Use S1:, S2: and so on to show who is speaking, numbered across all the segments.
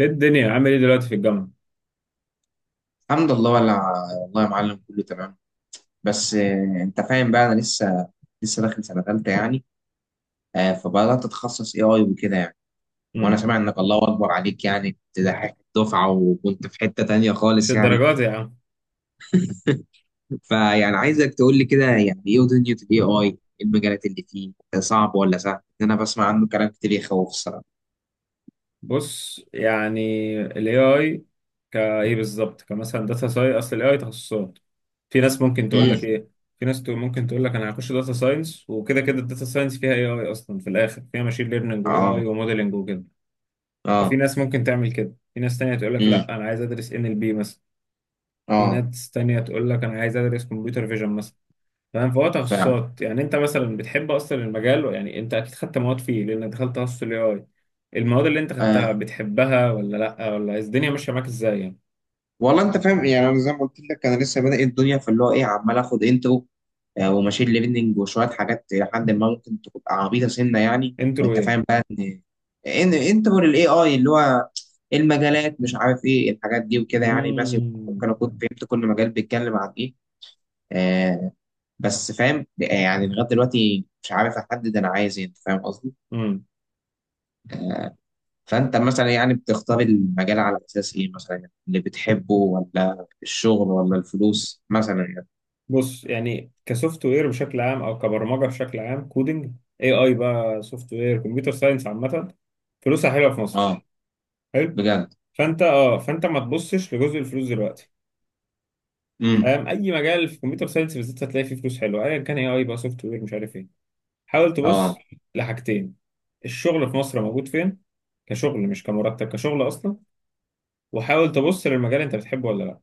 S1: ايه الدنيا عامل ايه دلوقتي في الجامعة؟
S2: الحمد لله. والله يا معلم، كله تمام. بس انت فاهم بقى انا لسه داخل سنه ثالثه يعني. فبدات اتخصص AI وكده يعني. وانا
S1: امم.
S2: سامع انك الله اكبر عليك، يعني تضحك الدفعه وكنت في حته تانية
S1: مش
S2: خالص يعني.
S1: الدرجات يا عم.
S2: فيعني عايزك تقول لي كده، يعني ايه دنيا الAI؟ المجالات اللي فيه صعب ولا سهل؟ ان انا بسمع عنه كلام كتير يخوف الصراحه.
S1: بص، يعني ال AI كايه بالظبط، كمثلا داتا ساينس، اصل ال AI تخصصات. في ناس ممكن تقول لك
S2: امم.
S1: ايه، ممكن تقول لك انا هخش داتا ساينس، وكده كده الداتا ساينس فيها AI اصلا، في الاخر فيها ماشين ليرنينج و AI
S2: اه.
S1: وموديلنج وكده. ففي
S2: اه.
S1: ناس ممكن تعمل كده، في ناس تانية تقول لك
S2: امم.
S1: لا، انا عايز ادرس NLP مثلا. في
S2: اه
S1: ناس تانية تقول لك انا عايز ادرس كمبيوتر فيجن مثلا. فاهم؟ فهو
S2: فعلا.
S1: تخصصات، يعني انت مثلا بتحب اصلا المجال؟ يعني انت اكيد خدت مواد فيه لانك دخلت تخصص الاي اي. المواد اللي انت خدتها
S2: آه،
S1: بتحبها ولا لا، ولا الدنيا ماشيه معاك ازاي يعني؟
S2: والله انت فاهم، يعني انا زي ما قلت لك انا لسه بادئ الدنيا، فاللي هو ايه، عمال اخد انترو وماشين ليرنينج وشويه حاجات لحد ما ممكن تبقى عبيطه سنه يعني.
S1: انترو
S2: وانت
S1: ايه؟
S2: فاهم بقى ان انترو للاي اي، اللي هو المجالات، مش عارف ايه الحاجات دي وكده يعني، ماشي.
S1: مم.
S2: ممكن اكون فهمت كل مجال بيتكلم عن ايه. آه. بس فاهم، يعني لغايه دلوقتي مش عارف احدد انا عايز ايه، انت فاهم قصدي.
S1: مم.
S2: فانت مثلا يعني بتختار المجال على اساس ايه مثلا؟ اللي بتحبه ولا الشغل ولا الفلوس مثلا يعني؟
S1: بص، يعني كسوفت وير بشكل عام، او كبرمجه بشكل عام، كودنج، اي اي بقى، سوفت وير، كمبيوتر ساينس عامه، فلوسها حلوه في مصر.
S2: اه
S1: حلو.
S2: بجد.
S1: فانت اه، فانت ما تبصش لجزء الفلوس دلوقتي.
S2: امم.
S1: فاهم؟ اي مجال في كمبيوتر ساينس بالذات هتلاقي فيه فلوس حلوه، ايا كان اي اي بقى، سوفت وير، مش عارف ايه. حاول
S2: اه.
S1: تبص لحاجتين، الشغل في مصر موجود فين، كشغل مش كمرتب، كشغل اصلا. وحاول تبص للمجال، انت بتحبه ولا لا.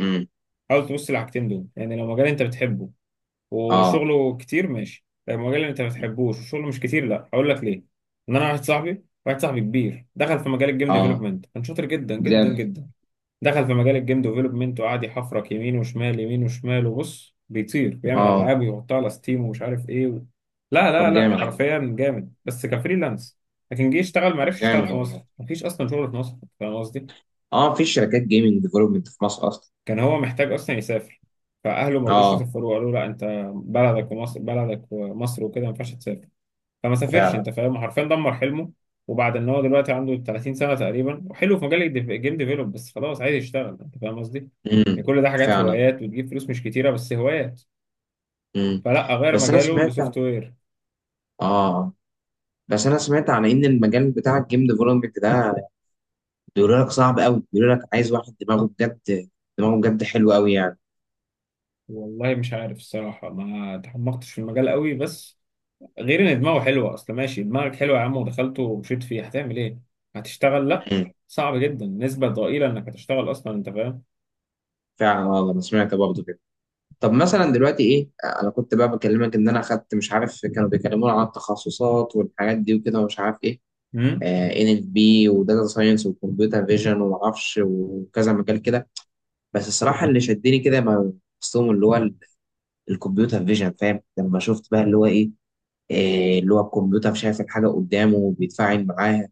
S2: امم.
S1: حاول تبص للحاجتين دول. يعني لو مجال انت بتحبه
S2: اه.
S1: وشغله كتير، ماشي. لو مجال انت ما بتحبوش وشغله مش كتير، لا. هقول لك ليه. ان انا، واحد صاحبي كبير، دخل في مجال الجيم
S2: اه
S1: ديفلوبمنت، كان شاطر جدا جدا
S2: بجد.
S1: جدا. دخل في مجال الجيم ديفلوبمنت وقعد يحفرك يمين وشمال يمين وشمال، وبص بيطير، بيعمل
S2: اه.
S1: العاب ويحطها على ستيم ومش عارف ايه لا لا
S2: طب
S1: لا،
S2: جامد.
S1: حرفيا جامد، بس كفريلانس. لكن جه يشتغل ما
S2: طب
S1: عرفش يشتغل،
S2: جامد
S1: في مصر
S2: والله.
S1: مفيش اصلا شغل في مصر. فاهم قصدي؟
S2: اه، في شركات جيمنج ديفلوبمنت في مصر اصلا؟
S1: كان هو محتاج اصلا يسافر. فاهله ما رضوش
S2: اه
S1: يسافروا، قالوا لا انت بلدك ومصر، بلدك ومصر، وكده ما ينفعش تسافر. فما سافرش.
S2: فعلا.
S1: انت فاهم، حرفيا دمر حلمه. وبعد ان هو دلوقتي عنده 30 سنه تقريبا، وحلو في مجال الجيم ديفلوب، بس خلاص عايز يشتغل. انت فاهم قصدي؟ يعني
S2: امم.
S1: كل ده حاجات
S2: فعلا.
S1: هوايات، وتجيب فلوس مش كتيره، بس هوايات.
S2: امم.
S1: فلا، غير
S2: بس انا
S1: مجاله
S2: سمعت
S1: لسوفت وير.
S2: اه بس انا سمعت عن ان المجال بتاع الجيم ديفلوبمنت ده بيقولوا لك صعب قوي، بيقولوا لك عايز واحد دماغه بجد، دماغه بجد حلو قوي يعني.
S1: والله مش عارف الصراحه، ما تعمقتش في المجال قوي، بس غير ان دماغه حلوه، اصل ماشي، دماغك حلوه يا عم ودخلته ومشيت فيه، هتعمل ايه؟ هتشتغل؟ لا،
S2: امم.
S1: صعب جدا، نسبه ضئيله انك هتشتغل اصلا. انت فاهم؟
S2: فعلا والله، انا سمعت برضه كده. طب مثلا دلوقتي ايه؟ انا كنت بقى بكلمك ان انا اخدت، مش عارف، كانوا بيكلمونا عن التخصصات والحاجات دي وكده، ومش عارف ايه،
S1: مم؟
S2: NLP وداتا ساينس وكمبيوتر فيجن ومعرفش وكذا مجال كده. بس الصراحه اللي شدني كده، ما قصتهم اللي هو الكمبيوتر فيجن، فاهم؟ لما شفت بقى اللي هو ايه، اللي هو الكمبيوتر شايف الحاجه قدامه وبيتفاعل معاها،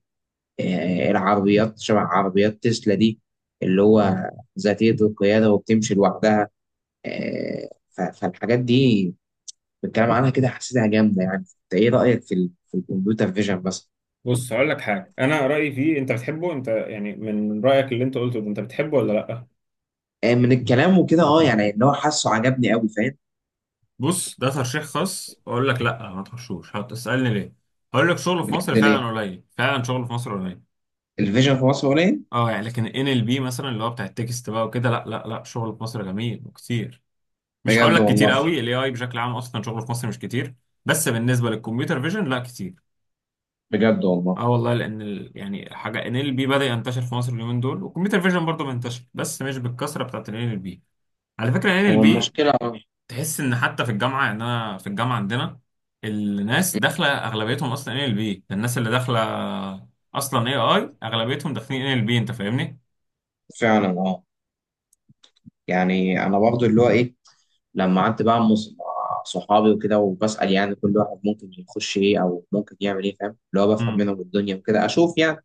S2: العربيات شبه عربيات تسلا دي، اللي هو ذاتيه القياده وبتمشي لوحدها. فالحاجات دي بالكلام عنها كده حسيتها جامده يعني. انت ايه رايك في الكمبيوتر فيجن مثلا؟
S1: بص، هقول لك حاجه. انا رايي فيه انت بتحبه، انت يعني، من رايك اللي انت قلته ده، انت بتحبه ولا لا؟
S2: من الكلام وكده اه، يعني اللي هو حاسه عجبني قوي، فاهم.
S1: بص، ده ترشيح خاص، اقول لك لا ما تخشوش. هتسالني ليه. هقول لك، شغل في مصر
S2: بجد؟ ليه؟
S1: فعلا قليل، فعلا شغل في مصر قليل.
S2: الفيجن في مصر قليل؟
S1: اه يعني، لكن ان ال بي مثلا، اللي هو بتاع التكست بقى وكده، لا لا لا، شغل في مصر جميل وكتير. مش هقول
S2: بجد
S1: لك كتير
S2: والله.
S1: قوي، الاي اي بشكل عام اصلا شغله في مصر مش كتير، بس بالنسبه للكمبيوتر فيجن لا كتير.
S2: بجد والله.
S1: اه والله، يعني حاجه، ان ال بي بدا ينتشر في مصر اليومين دول، والكمبيوتر فيجن برضه منتشر بس مش بالكثره بتاعت ان ال بي. على فكرة، ان ال
S2: هو
S1: بي
S2: المشكله اه.
S1: تحس ان حتى في الجامعة، يعني انا في الجامعة عندنا الناس داخلة اغلبيتهم اصلا ان ال بي. الناس اللي داخلة اصلا اي اي اغلبيتهم داخلين ان ال بي. انت فاهمني؟
S2: فعلا اه. يعني انا برضو اللي هو ايه، لما قعدت بقى مع مع صحابي وكده وبسال يعني كل واحد ممكن يخش ايه او ممكن يعمل ايه، فاهم، اللي هو بفهم
S1: امم.
S2: منهم الدنيا وكده اشوف يعني.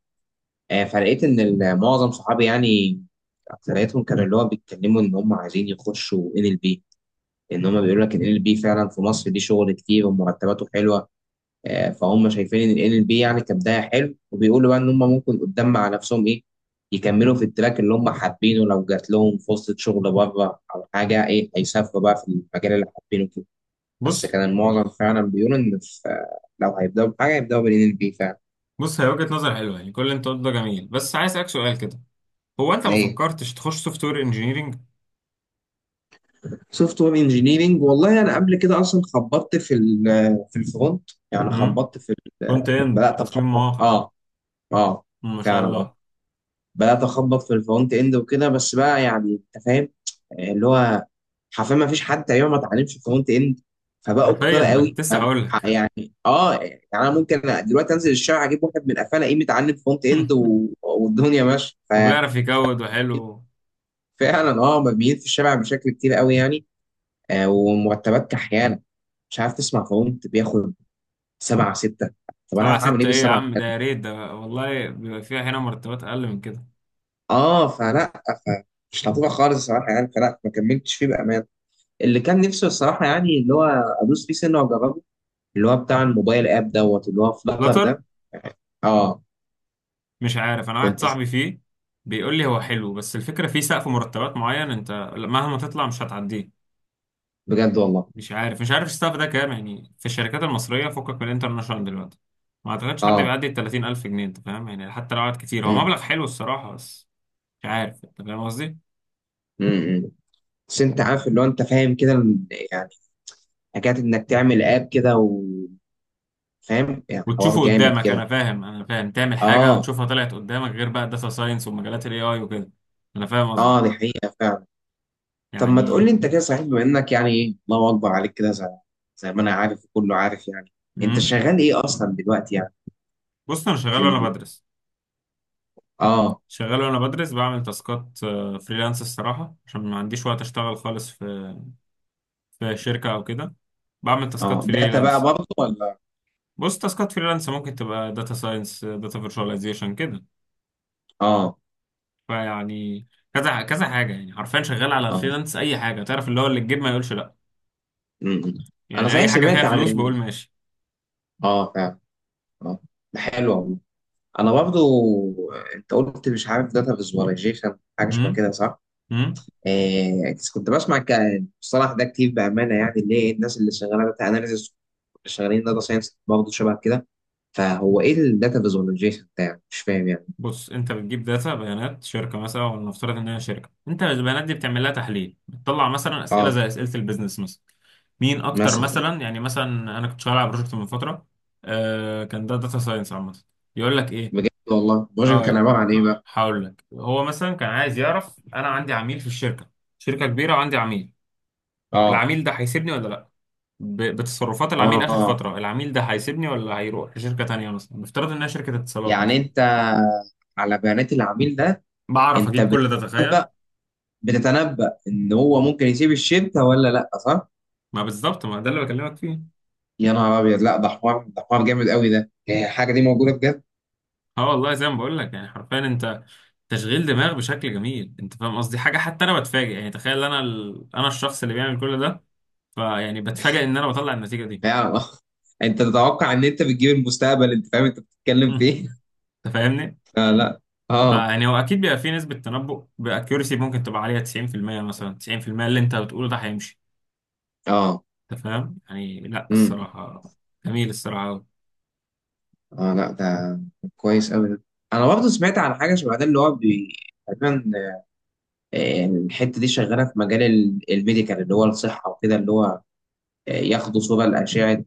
S2: فلقيت ان معظم صحابي، يعني اكثريتهم كانوا اللي هو بيتكلموا ان هم عايزين يخشوا NLP، ان هم بيقولوا لك ان ال بي فعلا في مصر دي شغل كتير ومرتباته حلوه. فهم شايفين ان ال بي يعني كبدايه حلو، وبيقولوا بقى ان هم ممكن قدام مع نفسهم ايه، يكملوا في التراك اللي هم حابينه، لو جات لهم فرصه شغل بره او حاجه ايه هيسافروا بقى في المجال اللي حابينه كده. بس
S1: بص،
S2: كان المعظم فعلا بيقولوا ان في لو هيبداوا بحاجه هيبداوا بالان ال بي فعلا.
S1: هي وجهة نظر حلوة، يعني كل اللي انت قلته ده جميل، بس عايز اسالك سؤال كده. هو انت ما
S2: ليه؟
S1: فكرتش تخش سوفت وير انجينيرنج؟
S2: سوفت وير انجينيرنج؟ والله انا قبل كده اصلا خبطت في الفرونت، يعني
S1: امم.
S2: خبطت ال-
S1: فرونت اند،
S2: بدات
S1: تصميم
S2: اخبط.
S1: مواقع.
S2: اه. اه
S1: مم، ما شاء
S2: فعلا. اه.
S1: الله.
S2: بدات اخبط في الفرونت اند وكده. بس بقى يعني انت فاهم، اللي هو حرفيا ما فيش حد تقريبا ما اتعلمش فرونت اند، فبقوا كتار
S1: حرفيا انا
S2: قوي
S1: كنت لسه هقول لك.
S2: يعني. اه يعني انا ممكن دلوقتي انزل الشارع اجيب واحد من قفاه الاقيه متعلم فرونت اند والدنيا ماشيه.
S1: وبيعرف يكود وحلو.
S2: ففعلا اه، مرميين في الشارع بشكل كتير قوي يعني. آه، ومرتبات كحيانه مش عارف. تسمع فرونت بياخد سبعة ستة، طب
S1: سبعة
S2: انا هعمل ايه
S1: ستة ايه يا
S2: بالسبعة؟
S1: عم؟ ده يا ريت، ده والله بيبقى فيها هنا مرتبات اقل من كده.
S2: اه فلا، فمش لطيفه خالص الصراحه يعني، فلا ما كملتش فيه بامان. اللي كان نفسه الصراحة، يعني اللي هو أدوس فيه سنة وأجربه، اللي هو بتاع الموبايل آب دوت، اللي هو فلاتر
S1: فلاتر؟
S2: ده. أه.
S1: مش عارف، انا واحد
S2: كنت س-
S1: صاحبي فيه بيقول لي هو حلو، بس الفكره فيه سقف مرتبات معين، انت مهما تطلع مش هتعديه.
S2: بجد والله.
S1: مش عارف، مش عارف السقف ده كام، يعني في الشركات المصريه، فكك من الانترناشونال دلوقتي، ما اعتقدش حد
S2: أه.
S1: بيعدي ال 30000 جنيه. انت فاهم يعني، حتى لو قعد كتير، هو
S2: أمم،
S1: مبلغ حلو الصراحه، بس مش عارف. انت فاهم قصدي؟
S2: أمم، أمم. بس أنت عارف اللي هو أنت فاهم كده يعني حكاية إنك تعمل آب كده وفاهم، يعني حوار
S1: وتشوفه
S2: جامد
S1: قدامك،
S2: كده.
S1: انا فاهم، انا فاهم، تعمل حاجه
S2: أه.
S1: وتشوفها طلعت قدامك، غير بقى الداتا ساينس ومجالات الاي اي وكده. انا فاهم قصدك.
S2: أه دي حقيقة فعلا. طب ما تقول لي
S1: يعني،
S2: أنت كده، صحيح، بما إنك يعني إيه الله أكبر عليك كده، زي ما أنا عارف وكله عارف يعني، أنت
S1: امم.
S2: شغال إيه أصلا دلوقتي يعني؟
S1: بص، انا شغال
S2: في
S1: وانا
S2: ال...
S1: بدرس.
S2: أه.
S1: شغال وانا بدرس، بعمل تاسكات فريلانس الصراحة عشان ما عنديش وقت اشتغل خالص في في شركة او كده. بعمل تاسكات
S2: أه، داتا بقى
S1: فريلانس.
S2: برضه ولا؟
S1: بص، تاسكات فريلانس ممكن تبقى داتا ساينس، داتا فيرتشواليزيشن، كده.
S2: أه.
S1: فيعني كذا كذا حاجة، يعني حرفيا شغال على
S2: أه
S1: فريلانس، اي حاجة تعرف اللي هو اللي تجيب، ما يقولش لا.
S2: امم. انا
S1: يعني
S2: صحيح
S1: اي حاجة فيها
S2: سمعت عن
S1: فلوس بقول ماشي.
S2: اه فعلا. اه، ده حلو والله. انا برضو، انت قلت مش عارف داتا فيزواليزيشن حاجه شبه
S1: امم.
S2: كده، صح؟
S1: امم.
S2: آه كنت بسمع ك- الصراحه ده كتير بامانه يعني، اللي هي الناس اللي شغاله داتا اناليسيس شغالين داتا ساينس برضه شبه كده. فهو ايه الداتا فيزواليزيشن ده يعني؟ مش فاهم يعني.
S1: بص، انت بتجيب داتا، بيانات شركة مثلا، ولنفترض ان هي شركة، انت البيانات دي بتعمل لها تحليل، بتطلع مثلا اسئلة
S2: اه
S1: زي اسئلة البيزنس مثلا. مين اكتر
S2: مثلا.
S1: مثلا، يعني مثلا انا كنت شغال على بروجكت من فتره، كان ده داتا ساينس عامه. يقول لك ايه.
S2: بجد والله، البروجكت كان
S1: اه،
S2: عباره عن ايه بقى؟
S1: هقول لك. هو مثلا كان عايز يعرف، انا عندي عميل في الشركه، شركه كبيره وعندي عميل،
S2: اه.
S1: العميل ده هيسيبني ولا لا، بتصرفات العميل اخر
S2: اه،
S1: فتره، العميل ده هيسيبني ولا هيروح لشركه تانيه، مثلا نفترض انها شركه اتصالات
S2: يعني
S1: مثلا.
S2: انت على بيانات العميل ده،
S1: بعرف
S2: انت
S1: اجيب كل ده، تخيل.
S2: بتتنبأ ان هو ممكن يسيب الشتا ولا لا، صح؟
S1: ما بالظبط، ما ده اللي بكلمك فيه.
S2: يا نهار ابيض، لا، ده حوار جامد قوي ده، هي الحاجه دي موجوده بجد؟
S1: اه والله زي ما بقول لك، يعني حرفيا انت تشغيل دماغ بشكل جميل، انت فاهم قصدي. حاجه حتى انا بتفاجئ، يعني تخيل انا الشخص اللي بيعمل كل ده، فيعني بتفاجئ ان انا بطلع النتيجه دي.
S2: يا الله. انت تتوقع ان انت بتجيب المستقبل؟ انت فاهم انت بتتكلم في
S1: مم.
S2: ايه؟
S1: انت فاهمني.
S2: آه. لا. اه.
S1: فيعني هو اكيد بيبقى فيه نسبه تنبؤ، باكيورسي ممكن تبقى عليها 90% مثلا، 90% اللي انت بتقوله ده هيمشي.
S2: اه.
S1: انت فاهم يعني؟ لا
S2: امم.
S1: الصراحه، جميل الصراحه،
S2: اه لا، ده كويس قوي ده. انا برضه سمعت عن حاجه شبه ده، اللي هو تقريبا. الحته دي شغاله في مجال الميديكال اللي هو الصحه وكده، اللي هو ياخدوا صوره لاشعه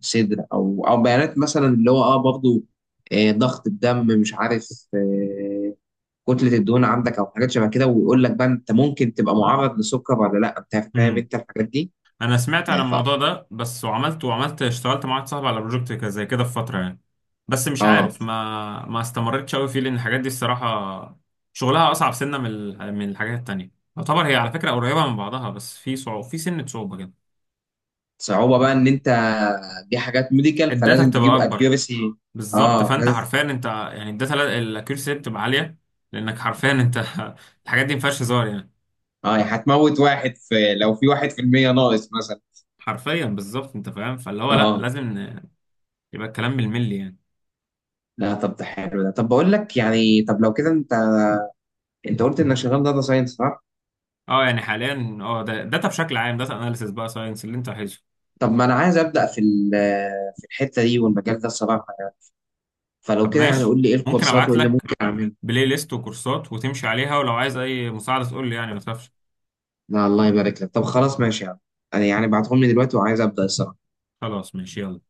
S2: صدر، او بيانات مثلا اللي هو اه برضه آه ضغط الدم مش عارف آه كتله الدهون عندك او حاجات شبه كده، ويقول لك بقى انت ممكن تبقى معرض لسكر ولا لا، انت
S1: قوي.
S2: فاهم انت الحاجات دي.
S1: انا سمعت عن
S2: آه ف
S1: الموضوع ده، بس وعملت، وعملت، اشتغلت مع واحد صاحبي على بروجكت زي كده في فتره يعني، بس مش
S2: اه
S1: عارف، ما استمرتش قوي فيه، لان الحاجات دي الصراحه شغلها اصعب سنه، من الحاجات التانية. يعتبر هي على فكره قريبه من بعضها، بس في صعوبه، في سنه صعوبه كده.
S2: صعوبه بقى ان انت، دي حاجات ميديكال
S1: الداتا
S2: فلازم
S1: بتبقى
S2: تجيب
S1: اكبر،
S2: اكيورسي.
S1: بالظبط.
S2: اه
S1: فانت
S2: لازم.
S1: حرفيا انت، يعني الداتا، الاكيورسي بتبقى عاليه، لانك حرفيا انت الحاجات دي ما فيهاش هزار يعني.
S2: اه يعني هتموت واحد، لو في 1% ناقص مثلا.
S1: حرفيا بالظبط. انت فاهم، فاللي هو
S2: اه.
S1: لا،
S2: آه.
S1: لازم يبقى الكلام بالملي يعني.
S2: لا طب ده حلو ده. طب بقول لك، يعني طب لو كده انت قلت انك شغال داتا ساينس، صح؟
S1: اه يعني حاليا، اه، ده داتا بشكل عام، داتا اناليسيس بقى، ساينس اللي انت عايزه.
S2: طب ما انا عايز ابدا في الحته دي والمجال ده الصراحه يعني. فلو
S1: طب
S2: كده يعني
S1: ماشي،
S2: قول لي ايه
S1: ممكن
S2: الكورسات
S1: ابعت
S2: وايه اللي
S1: لك
S2: ممكن اعمله.
S1: بلاي ليست وكورسات وتمشي عليها، ولو عايز اي مساعدة تقول لي يعني، ما تخافش.
S2: لا الله يبارك لك. طب خلاص ماشي يعني، انا يعني بعتهم لي دلوقتي وعايز ابدا الصراحه.
S1: خلاص ماشي، يلا.